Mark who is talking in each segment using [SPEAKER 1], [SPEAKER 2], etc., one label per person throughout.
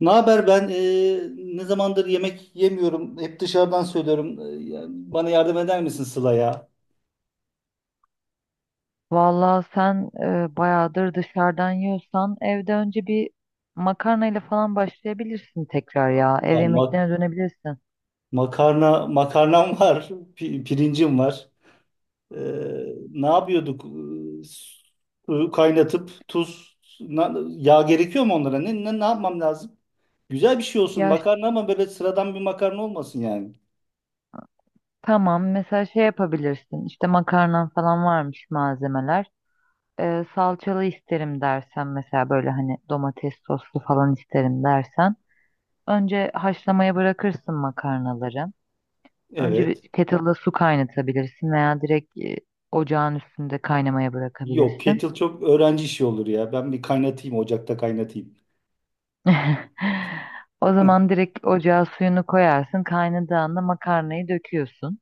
[SPEAKER 1] Ne haber? Ben ne zamandır yemek yemiyorum. Hep dışarıdan söylüyorum. Yani bana yardım eder misin, Sıla ya?
[SPEAKER 2] Vallahi sen bayağıdır dışarıdan yiyorsan evde önce bir makarnayla falan başlayabilirsin tekrar ya. Ev
[SPEAKER 1] Ulan
[SPEAKER 2] yemeklerine dönebilirsin.
[SPEAKER 1] makarnam var, pirincim var. E, Ne yapıyorduk? E, Suyu kaynatıp tuz, yağ gerekiyor mu onlara? Ne yapmam lazım? Güzel bir şey olsun
[SPEAKER 2] Ya ş-
[SPEAKER 1] makarna, ama böyle sıradan bir makarna olmasın yani.
[SPEAKER 2] tamam, mesela şey yapabilirsin. İşte makarnan falan varmış malzemeler. Salçalı isterim dersen, mesela böyle hani domates soslu falan isterim dersen, önce haşlamaya bırakırsın makarnaları. Önce bir
[SPEAKER 1] Evet.
[SPEAKER 2] kettle'da su kaynatabilirsin veya direkt ocağın üstünde kaynamaya
[SPEAKER 1] Yok,
[SPEAKER 2] bırakabilirsin.
[SPEAKER 1] kettle çok öğrenci işi olur ya. Ben bir kaynatayım, ocakta kaynatayım.
[SPEAKER 2] O zaman direkt ocağa suyunu koyarsın. Kaynadığında makarnayı döküyorsun.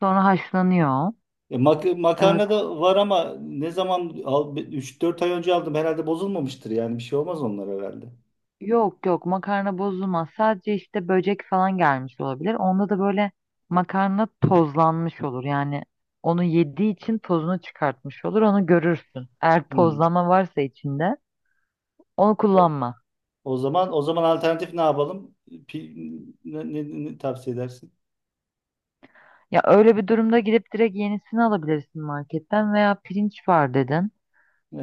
[SPEAKER 2] Sonra haşlanıyor.
[SPEAKER 1] E, mak
[SPEAKER 2] E,
[SPEAKER 1] makarna da var ama ne zaman al 3-4 ay önce aldım herhalde, bozulmamıştır yani, bir şey olmaz onlar herhalde.
[SPEAKER 2] Yok yok, makarna bozulmaz. Sadece işte böcek falan gelmiş olabilir. Onda da böyle makarna tozlanmış olur. Yani onu yediği için tozunu çıkartmış olur. Onu görürsün. Eğer
[SPEAKER 1] Hmm.
[SPEAKER 2] tozlama varsa içinde onu
[SPEAKER 1] O,
[SPEAKER 2] kullanma.
[SPEAKER 1] o zaman alternatif ne yapalım? Ne tavsiye edersin?
[SPEAKER 2] Ya öyle bir durumda gidip direkt yenisini alabilirsin marketten, veya pirinç var dedin.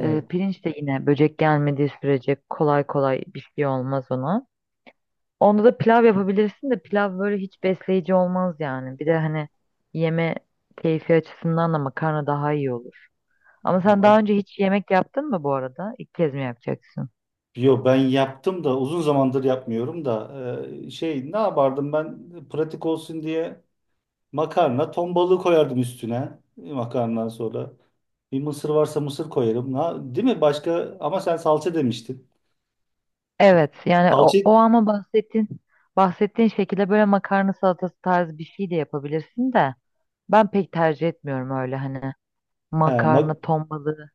[SPEAKER 2] Pirinç de yine böcek gelmediği sürece kolay kolay bir şey olmaz ona. Onda da pilav yapabilirsin de pilav böyle hiç besleyici olmaz yani. Bir de hani yeme keyfi açısından da makarna daha iyi olur. Ama sen
[SPEAKER 1] Ma-
[SPEAKER 2] daha önce hiç yemek yaptın mı bu arada? İlk kez mi yapacaksın?
[SPEAKER 1] Yo, ben yaptım da uzun zamandır yapmıyorum da, şey ne yapardım ben pratik olsun diye, makarna ton balığı koyardım üstüne, makarnadan sonra. Bir mısır varsa mısır koyarım. Değil mi? Başka, ama sen salça demiştin.
[SPEAKER 2] Evet yani
[SPEAKER 1] Salça.
[SPEAKER 2] o ama bahsettiğin şekilde böyle makarna salatası tarzı bir şey de yapabilirsin de, ben pek tercih etmiyorum öyle hani
[SPEAKER 1] He,
[SPEAKER 2] makarna ton balığı.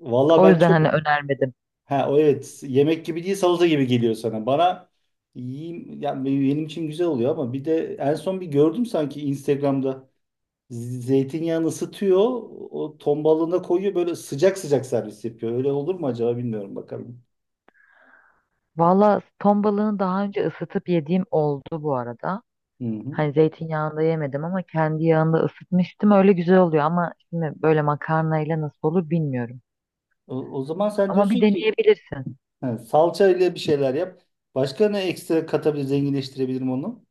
[SPEAKER 1] valla
[SPEAKER 2] O
[SPEAKER 1] ben
[SPEAKER 2] yüzden
[SPEAKER 1] çok...
[SPEAKER 2] hani önermedim.
[SPEAKER 1] Ha, o evet, yemek gibi değil, salata gibi geliyor sana. Bana, yiyeyim yani, benim için güzel oluyor. Ama bir de en son bir gördüm sanki Instagram'da, zeytinyağını ısıtıyor, o ton balığına koyuyor, böyle sıcak sıcak servis yapıyor. Öyle olur mu acaba, bilmiyorum, bakalım.
[SPEAKER 2] Valla, ton balığını daha önce ısıtıp yediğim oldu bu arada.
[SPEAKER 1] Hı hı.
[SPEAKER 2] Hani zeytinyağında yemedim ama kendi yağında ısıtmıştım. Öyle güzel oluyor ama şimdi böyle makarnayla nasıl olur bilmiyorum.
[SPEAKER 1] O zaman sen
[SPEAKER 2] Ama bir
[SPEAKER 1] diyorsun ki,
[SPEAKER 2] deneyebilirsin.
[SPEAKER 1] ha, salça ile bir şeyler yap. Başka ne ekstra katabilir, zenginleştirebilirim onu?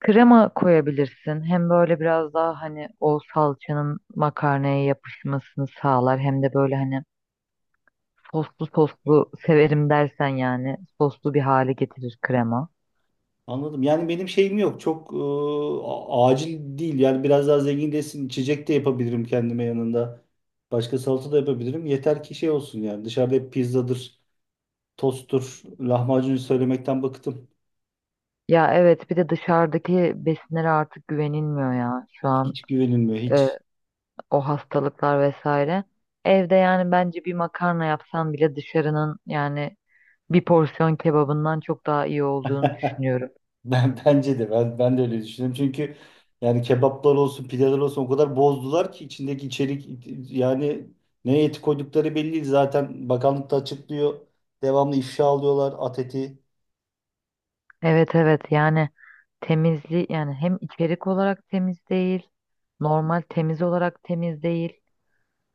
[SPEAKER 2] Krema koyabilirsin. Hem böyle biraz daha hani o salçanın makarnaya yapışmasını sağlar, hem de böyle hani soslu soslu severim dersen yani soslu bir hale getirir krema.
[SPEAKER 1] Anladım. Yani benim şeyim yok. Çok acil değil. Yani biraz daha zenginleşsin. İçecek de yapabilirim kendime yanında. Başka salata da yapabilirim. Yeter ki şey olsun yani. Dışarıda hep pizzadır, tosttur, lahmacun söylemekten bıktım.
[SPEAKER 2] Ya evet, bir de dışarıdaki besinlere artık güvenilmiyor ya. Şu an
[SPEAKER 1] Hiç güvenilmiyor,
[SPEAKER 2] e,
[SPEAKER 1] hiç.
[SPEAKER 2] o hastalıklar vesaire. Evde yani bence bir makarna yapsan bile dışarının yani bir porsiyon kebabından çok daha iyi olduğunu düşünüyorum.
[SPEAKER 1] Ben de öyle düşünüyorum. Çünkü yani kebaplar olsun, pideler olsun, o kadar bozdular ki içindeki içerik, yani ne eti koydukları belli değil. Zaten bakanlık da açıklıyor. Devamlı ifşa alıyorlar, at eti.
[SPEAKER 2] Evet evet, yani temizliği, yani hem içerik olarak temiz değil, normal temiz olarak temiz değil.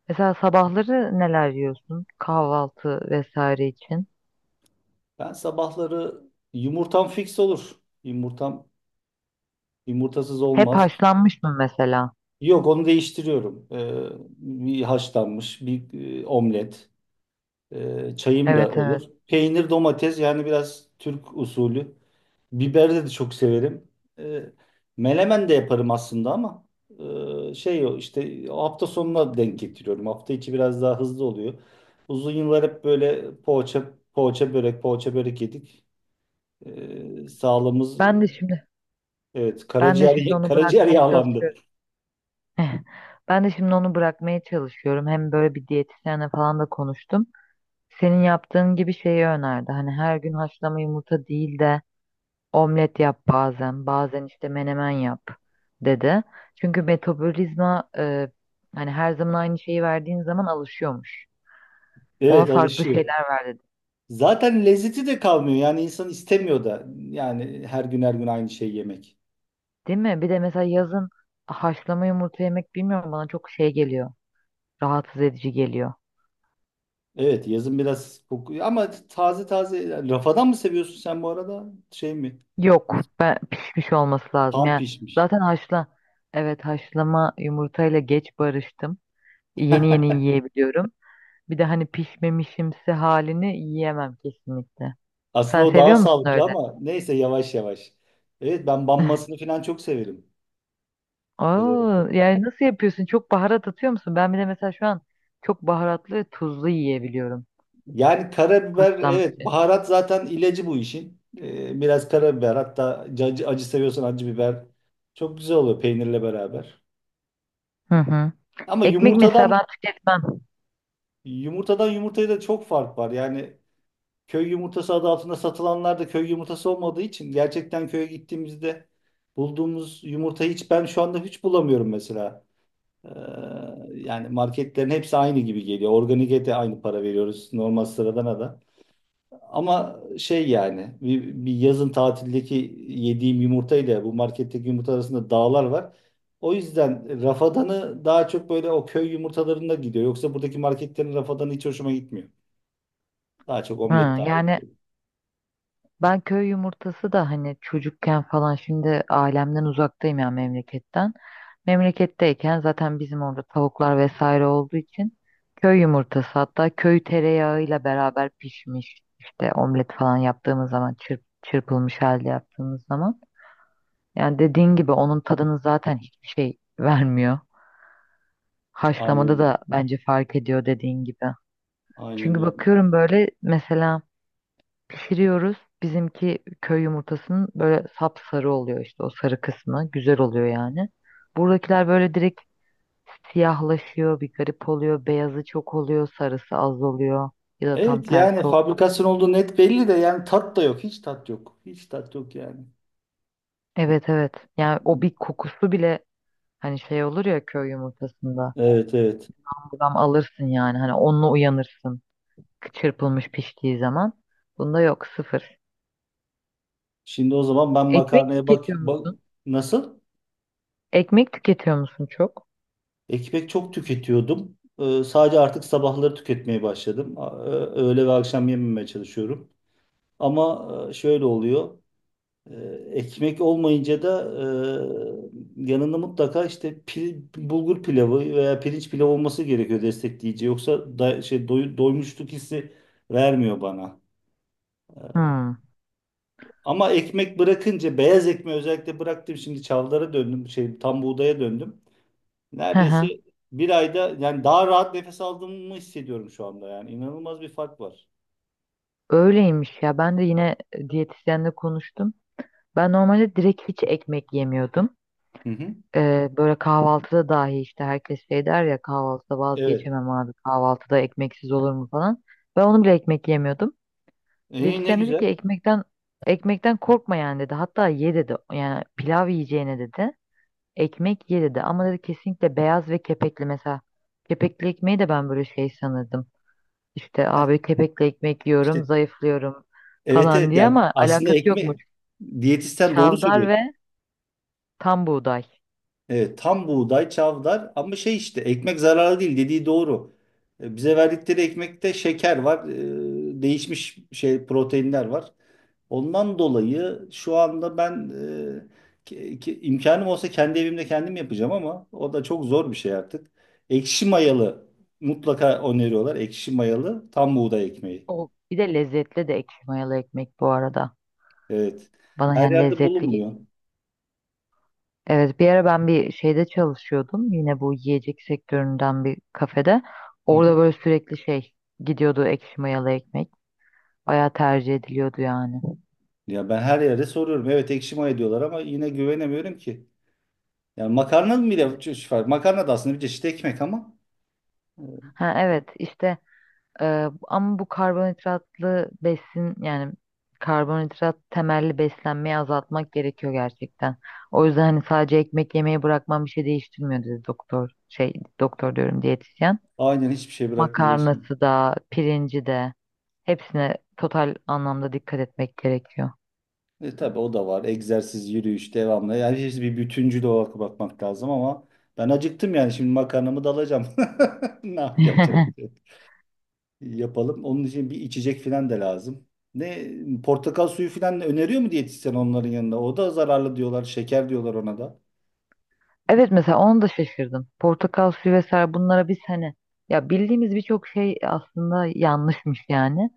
[SPEAKER 2] Mesela sabahları neler yiyorsun kahvaltı vesaire için?
[SPEAKER 1] Ben sabahları yumurtam fix olur. Yumurtam, yumurtasız
[SPEAKER 2] Hep
[SPEAKER 1] olmaz.
[SPEAKER 2] haşlanmış mı mesela?
[SPEAKER 1] Yok, onu değiştiriyorum. Bir haşlanmış, bir omlet, çayım da
[SPEAKER 2] Evet evet.
[SPEAKER 1] olur. Peynir, domates, yani biraz Türk usulü. Biberi de çok severim. Ee, Melemen de yaparım aslında, ama e, şey o işte o hafta sonuna denk getiriyorum. Hafta içi biraz daha hızlı oluyor. Uzun yıllar hep böyle poğaça, poğaça börek, poğaça börek yedik. Sağlığımız...
[SPEAKER 2] Ben de şimdi
[SPEAKER 1] Evet,
[SPEAKER 2] ben de şimdi
[SPEAKER 1] karaciğer
[SPEAKER 2] onu
[SPEAKER 1] karaciğer
[SPEAKER 2] bırakmaya
[SPEAKER 1] yağlandı.
[SPEAKER 2] çalışıyorum. Ben de şimdi onu bırakmaya çalışıyorum. Hem böyle bir diyetisyenle falan da konuştum. Senin yaptığın gibi şeyi önerdi. Hani her gün haşlama yumurta değil de omlet yap bazen, bazen işte menemen yap dedi. Çünkü metabolizma hani her zaman aynı şeyi verdiğin zaman alışıyormuş. Ona
[SPEAKER 1] Evet,
[SPEAKER 2] farklı
[SPEAKER 1] alışıyor.
[SPEAKER 2] şeyler ver dedi.
[SPEAKER 1] Zaten lezzeti de kalmıyor. Yani insan istemiyor da. Yani her gün her gün aynı şeyi yemek.
[SPEAKER 2] Değil mi? Bir de mesela yazın haşlama yumurta yemek bilmiyorum bana çok şey geliyor. Rahatsız edici geliyor.
[SPEAKER 1] Evet, yazın biraz kokuyor. Ama taze taze, rafadan mı seviyorsun sen bu arada? Şey mi?
[SPEAKER 2] Yok, ben pişmiş olması lazım.
[SPEAKER 1] Tam
[SPEAKER 2] Yani
[SPEAKER 1] pişmiş.
[SPEAKER 2] zaten haşla Evet, haşlama yumurtayla geç barıştım. Yeni yeni yiyebiliyorum. Bir de hani pişmemişimsi halini yiyemem kesinlikle.
[SPEAKER 1] Aslında
[SPEAKER 2] Sen
[SPEAKER 1] o daha
[SPEAKER 2] seviyor musun
[SPEAKER 1] sağlıklı,
[SPEAKER 2] öyle?
[SPEAKER 1] ama neyse, yavaş yavaş. Evet, ben banmasını falan çok severim. Öyle.
[SPEAKER 2] Oo, yani nasıl yapıyorsun? Çok baharat atıyor musun? Ben bir de mesela şu an çok baharatlı ve tuzlu yiyebiliyorum.
[SPEAKER 1] Yani karabiber,
[SPEAKER 2] Haşlanmış.
[SPEAKER 1] evet, baharat zaten ilacı bu işin. Biraz karabiber, hatta acı, acı seviyorsan acı biber çok güzel oluyor peynirle beraber.
[SPEAKER 2] Hı hı.
[SPEAKER 1] Ama
[SPEAKER 2] Ekmek mesela ben
[SPEAKER 1] yumurtadan
[SPEAKER 2] tüketmem.
[SPEAKER 1] yumurtadan yumurtaya da çok fark var. Yani köy yumurtası adı altında satılanlar da köy yumurtası olmadığı için, gerçekten köye gittiğimizde bulduğumuz yumurtayı hiç, ben şu anda hiç bulamıyorum mesela. Ee, Yani marketlerin hepsi aynı gibi geliyor. Organik'e de aynı para veriyoruz, normal sıradana da. Ama şey, yani bir yazın tatildeki yediğim yumurta ile bu marketteki yumurta arasında dağlar var. O yüzden rafadanı daha çok böyle o köy yumurtalarında gidiyor. Yoksa buradaki marketlerin rafadanı hiç hoşuma gitmiyor. Daha çok
[SPEAKER 2] Hı,
[SPEAKER 1] omlet daha iyi.
[SPEAKER 2] yani ben köy yumurtası da hani çocukken falan, şimdi ailemden uzaktayım ya, memleketten. Memleketteyken zaten bizim orada tavuklar vesaire olduğu için köy yumurtası, hatta köy tereyağıyla beraber pişmiş işte omlet falan yaptığımız zaman, çırpılmış halde yaptığımız zaman. Yani dediğin gibi onun tadını zaten hiçbir şey vermiyor. Haşlamada da
[SPEAKER 1] Aynen.
[SPEAKER 2] bence fark ediyor, dediğin gibi.
[SPEAKER 1] Aynen
[SPEAKER 2] Çünkü
[SPEAKER 1] öyle.
[SPEAKER 2] bakıyorum böyle mesela pişiriyoruz. Bizimki köy yumurtasının böyle sapsarı oluyor, işte o sarı kısmı. Güzel oluyor yani. Buradakiler böyle direkt siyahlaşıyor, bir garip oluyor. Beyazı çok oluyor, sarısı az oluyor. Ya da tam
[SPEAKER 1] Evet, yani
[SPEAKER 2] tersi oluyor.
[SPEAKER 1] fabrikasyon olduğu net belli de, yani tat da yok. Hiç tat yok. Hiç tat yok yani.
[SPEAKER 2] Evet evet. Yani o bir kokusu bile hani şey olur ya köy yumurtasında.
[SPEAKER 1] Evet, evet.
[SPEAKER 2] Buradan alırsın yani hani onunla uyanırsın. Çırpılmış piştiği zaman. Bunda yok, sıfır.
[SPEAKER 1] Şimdi o zaman ben
[SPEAKER 2] Ekmek
[SPEAKER 1] makarnaya bak,
[SPEAKER 2] tüketiyor
[SPEAKER 1] bak
[SPEAKER 2] musun?
[SPEAKER 1] nasıl?
[SPEAKER 2] Ekmek tüketiyor musun çok?
[SPEAKER 1] Ekmek çok tüketiyordum. Sadece artık sabahları tüketmeye başladım. Öğle ve akşam yememeye çalışıyorum. Ama şöyle oluyor. Ee, Ekmek olmayınca da, yanında mutlaka işte bulgur pilavı veya pirinç pilavı olması gerekiyor, destekleyici. Yoksa da, şey, doymuşluk hissi vermiyor bana. Ee,
[SPEAKER 2] Hmm.
[SPEAKER 1] Ama ekmek bırakınca, beyaz ekmeği özellikle bıraktım. Şimdi çavlara döndüm. Şey, tam buğdaya döndüm.
[SPEAKER 2] Hı
[SPEAKER 1] Neredeyse
[SPEAKER 2] hı.
[SPEAKER 1] bir ayda, yani daha rahat nefes aldığımı hissediyorum şu anda yani. İnanılmaz bir fark var.
[SPEAKER 2] Öyleymiş ya. Ben de yine diyetisyenle konuştum. Ben normalde direkt hiç ekmek yemiyordum.
[SPEAKER 1] Hı hı.
[SPEAKER 2] Böyle kahvaltıda dahi işte herkes şey der ya, kahvaltıda
[SPEAKER 1] Evet.
[SPEAKER 2] vazgeçemem abi, kahvaltıda ekmeksiz olur mu falan. Ben onu bile, ekmek yemiyordum.
[SPEAKER 1] İyi, ne
[SPEAKER 2] Diyetisyen dedi ki
[SPEAKER 1] güzel.
[SPEAKER 2] ekmekten korkma yani dedi. Hatta ye dedi. Yani pilav yiyeceğine dedi, ekmek ye dedi. Ama dedi kesinlikle beyaz ve kepekli mesela. Kepekli ekmeği de ben böyle şey sanırdım. İşte
[SPEAKER 1] Heh,
[SPEAKER 2] abi kepekle ekmek yiyorum,
[SPEAKER 1] işte
[SPEAKER 2] zayıflıyorum
[SPEAKER 1] evet,
[SPEAKER 2] falan
[SPEAKER 1] evet,
[SPEAKER 2] diye,
[SPEAKER 1] yani
[SPEAKER 2] ama
[SPEAKER 1] aslında
[SPEAKER 2] alakası yokmuş.
[SPEAKER 1] ekmek, diyetisyen doğru
[SPEAKER 2] Çavdar
[SPEAKER 1] söylüyor.
[SPEAKER 2] ve tam buğday.
[SPEAKER 1] Evet, tam buğday, çavdar. Ama şey, işte ekmek zararlı değil, dediği doğru. Bize verdikleri ekmekte şeker var, değişmiş şey proteinler var. Ondan dolayı şu anda ben imkanım olsa kendi evimde kendim yapacağım, ama o da çok zor bir şey artık. Ekşi mayalı mutlaka öneriyorlar. Ekşi mayalı tam buğday ekmeği.
[SPEAKER 2] O bir de lezzetli de ekşi mayalı ekmek bu arada.
[SPEAKER 1] Evet.
[SPEAKER 2] Bana
[SPEAKER 1] Her
[SPEAKER 2] yani
[SPEAKER 1] yerde
[SPEAKER 2] lezzetli
[SPEAKER 1] bulunmuyor.
[SPEAKER 2] geliyor. Evet, bir ara ben bir şeyde çalışıyordum. Yine bu yiyecek sektöründen bir kafede.
[SPEAKER 1] Hı
[SPEAKER 2] Orada
[SPEAKER 1] hı.
[SPEAKER 2] böyle sürekli şey gidiyordu ekşi mayalı ekmek. Bayağı tercih ediliyordu yani.
[SPEAKER 1] Ya, ben her yerde soruyorum. Evet, ekşi maya diyorlar, ama yine güvenemiyorum ki. Yani makarna bile,
[SPEAKER 2] Evet.
[SPEAKER 1] makarna da aslında bir çeşit ekmek, ama e,
[SPEAKER 2] Ha evet işte ama bu karbonhidratlı besin yani karbonhidrat temelli beslenmeyi azaltmak gerekiyor gerçekten. O yüzden hani sadece ekmek yemeyi bırakmam bir şey değiştirmiyor dedi doktor. Şey, doktor diyorum, diyetisyen.
[SPEAKER 1] aynen, hiçbir şey bırakmıyor.
[SPEAKER 2] Makarnası da, pirinci de, hepsine total anlamda dikkat etmek gerekiyor.
[SPEAKER 1] Tabii, o da var. Egzersiz, yürüyüş devamlı. Yani hepsi bir bütüncül olarak bakmak lazım, ama ben acıktım yani, şimdi makarnamı da alacağım. Ne yapacak? Bir şey yok. Yapalım. Onun için bir içecek falan da lazım. Ne, portakal suyu falan öneriyor mu diyetisyen onların yanında? O da zararlı diyorlar. Şeker diyorlar ona da.
[SPEAKER 2] Evet, mesela onu da şaşırdım. Portakal suyu vesaire, bunlara biz hani ya, bildiğimiz birçok şey aslında yanlışmış yani.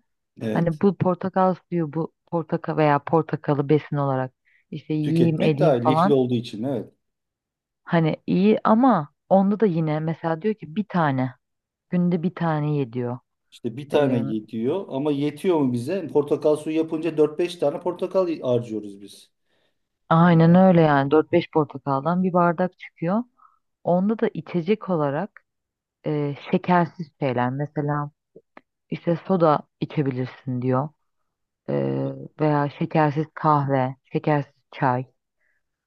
[SPEAKER 2] Hani
[SPEAKER 1] Evet.
[SPEAKER 2] bu portakal suyu, bu portakal veya portakalı besin olarak işte yiyeyim
[SPEAKER 1] Tüketmek
[SPEAKER 2] edeyim
[SPEAKER 1] daha iyi, lifli
[SPEAKER 2] falan.
[SPEAKER 1] olduğu için, evet.
[SPEAKER 2] Hani iyi ama onda da yine mesela diyor ki bir tane, günde bir tane ye diyor.
[SPEAKER 1] İşte bir tane
[SPEAKER 2] Ee,
[SPEAKER 1] yetiyor, ama yetiyor mu bize? Portakal suyu yapınca dört beş tane portakal harcıyoruz biz.
[SPEAKER 2] aynen öyle yani dört beş portakaldan bir bardak çıkıyor. Onda da içecek olarak şekersiz şeyler mesela işte soda içebilirsin diyor. Ee, veya şekersiz kahve, şekersiz çay.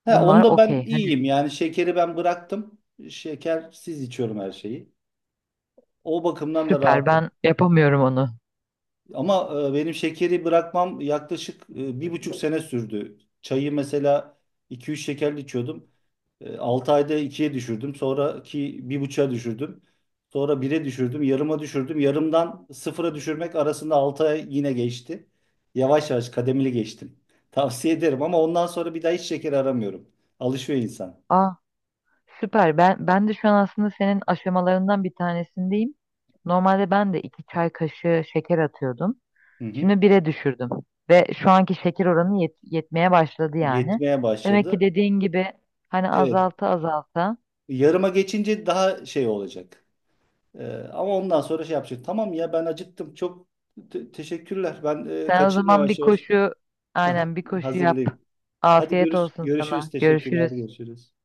[SPEAKER 1] He,
[SPEAKER 2] Bunlar
[SPEAKER 1] onda ben
[SPEAKER 2] okey. Hani
[SPEAKER 1] iyiyim, yani şekeri ben bıraktım. Şekersiz içiyorum her şeyi. O bakımdan da
[SPEAKER 2] süper,
[SPEAKER 1] rahatım.
[SPEAKER 2] ben yapamıyorum onu.
[SPEAKER 1] Ama benim şekeri bırakmam yaklaşık 1,5 sene sürdü. Çayı mesela iki üç şekerli içiyordum. 6 ayda ikiye düşürdüm. Sonraki 1,5'a düşürdüm. Sonra bir'e düşürdüm. Yarıma düşürdüm. Yarımdan sıfıra düşürmek arasında 6 ay yine geçti. Yavaş yavaş kademeli geçtim. Tavsiye ederim, ama ondan sonra bir daha hiç şeker aramıyorum. Alışıyor insan.
[SPEAKER 2] Aa, süper. Ben de şu an aslında senin aşamalarından bir tanesindeyim. Normalde ben de iki çay kaşığı şeker atıyordum.
[SPEAKER 1] Hı hı.
[SPEAKER 2] Şimdi bire düşürdüm ve şu anki şeker oranı yetmeye başladı yani.
[SPEAKER 1] Yetmeye
[SPEAKER 2] Demek ki
[SPEAKER 1] başladı.
[SPEAKER 2] dediğin gibi hani
[SPEAKER 1] Evet.
[SPEAKER 2] azalta azalta.
[SPEAKER 1] Yarıma geçince daha şey olacak. Ee, Ama ondan sonra şey yapacak. Tamam ya, ben acıktım. Çok teşekkürler. Ben
[SPEAKER 2] Sen o
[SPEAKER 1] kaçayım
[SPEAKER 2] zaman bir
[SPEAKER 1] yavaş yavaş.
[SPEAKER 2] koşu,
[SPEAKER 1] Aha,
[SPEAKER 2] aynen bir koşu yap.
[SPEAKER 1] hazırlayayım. Hadi,
[SPEAKER 2] Afiyet olsun
[SPEAKER 1] görüşürüz.
[SPEAKER 2] sana.
[SPEAKER 1] Teşekkürler.
[SPEAKER 2] Görüşürüz.
[SPEAKER 1] Görüşürüz.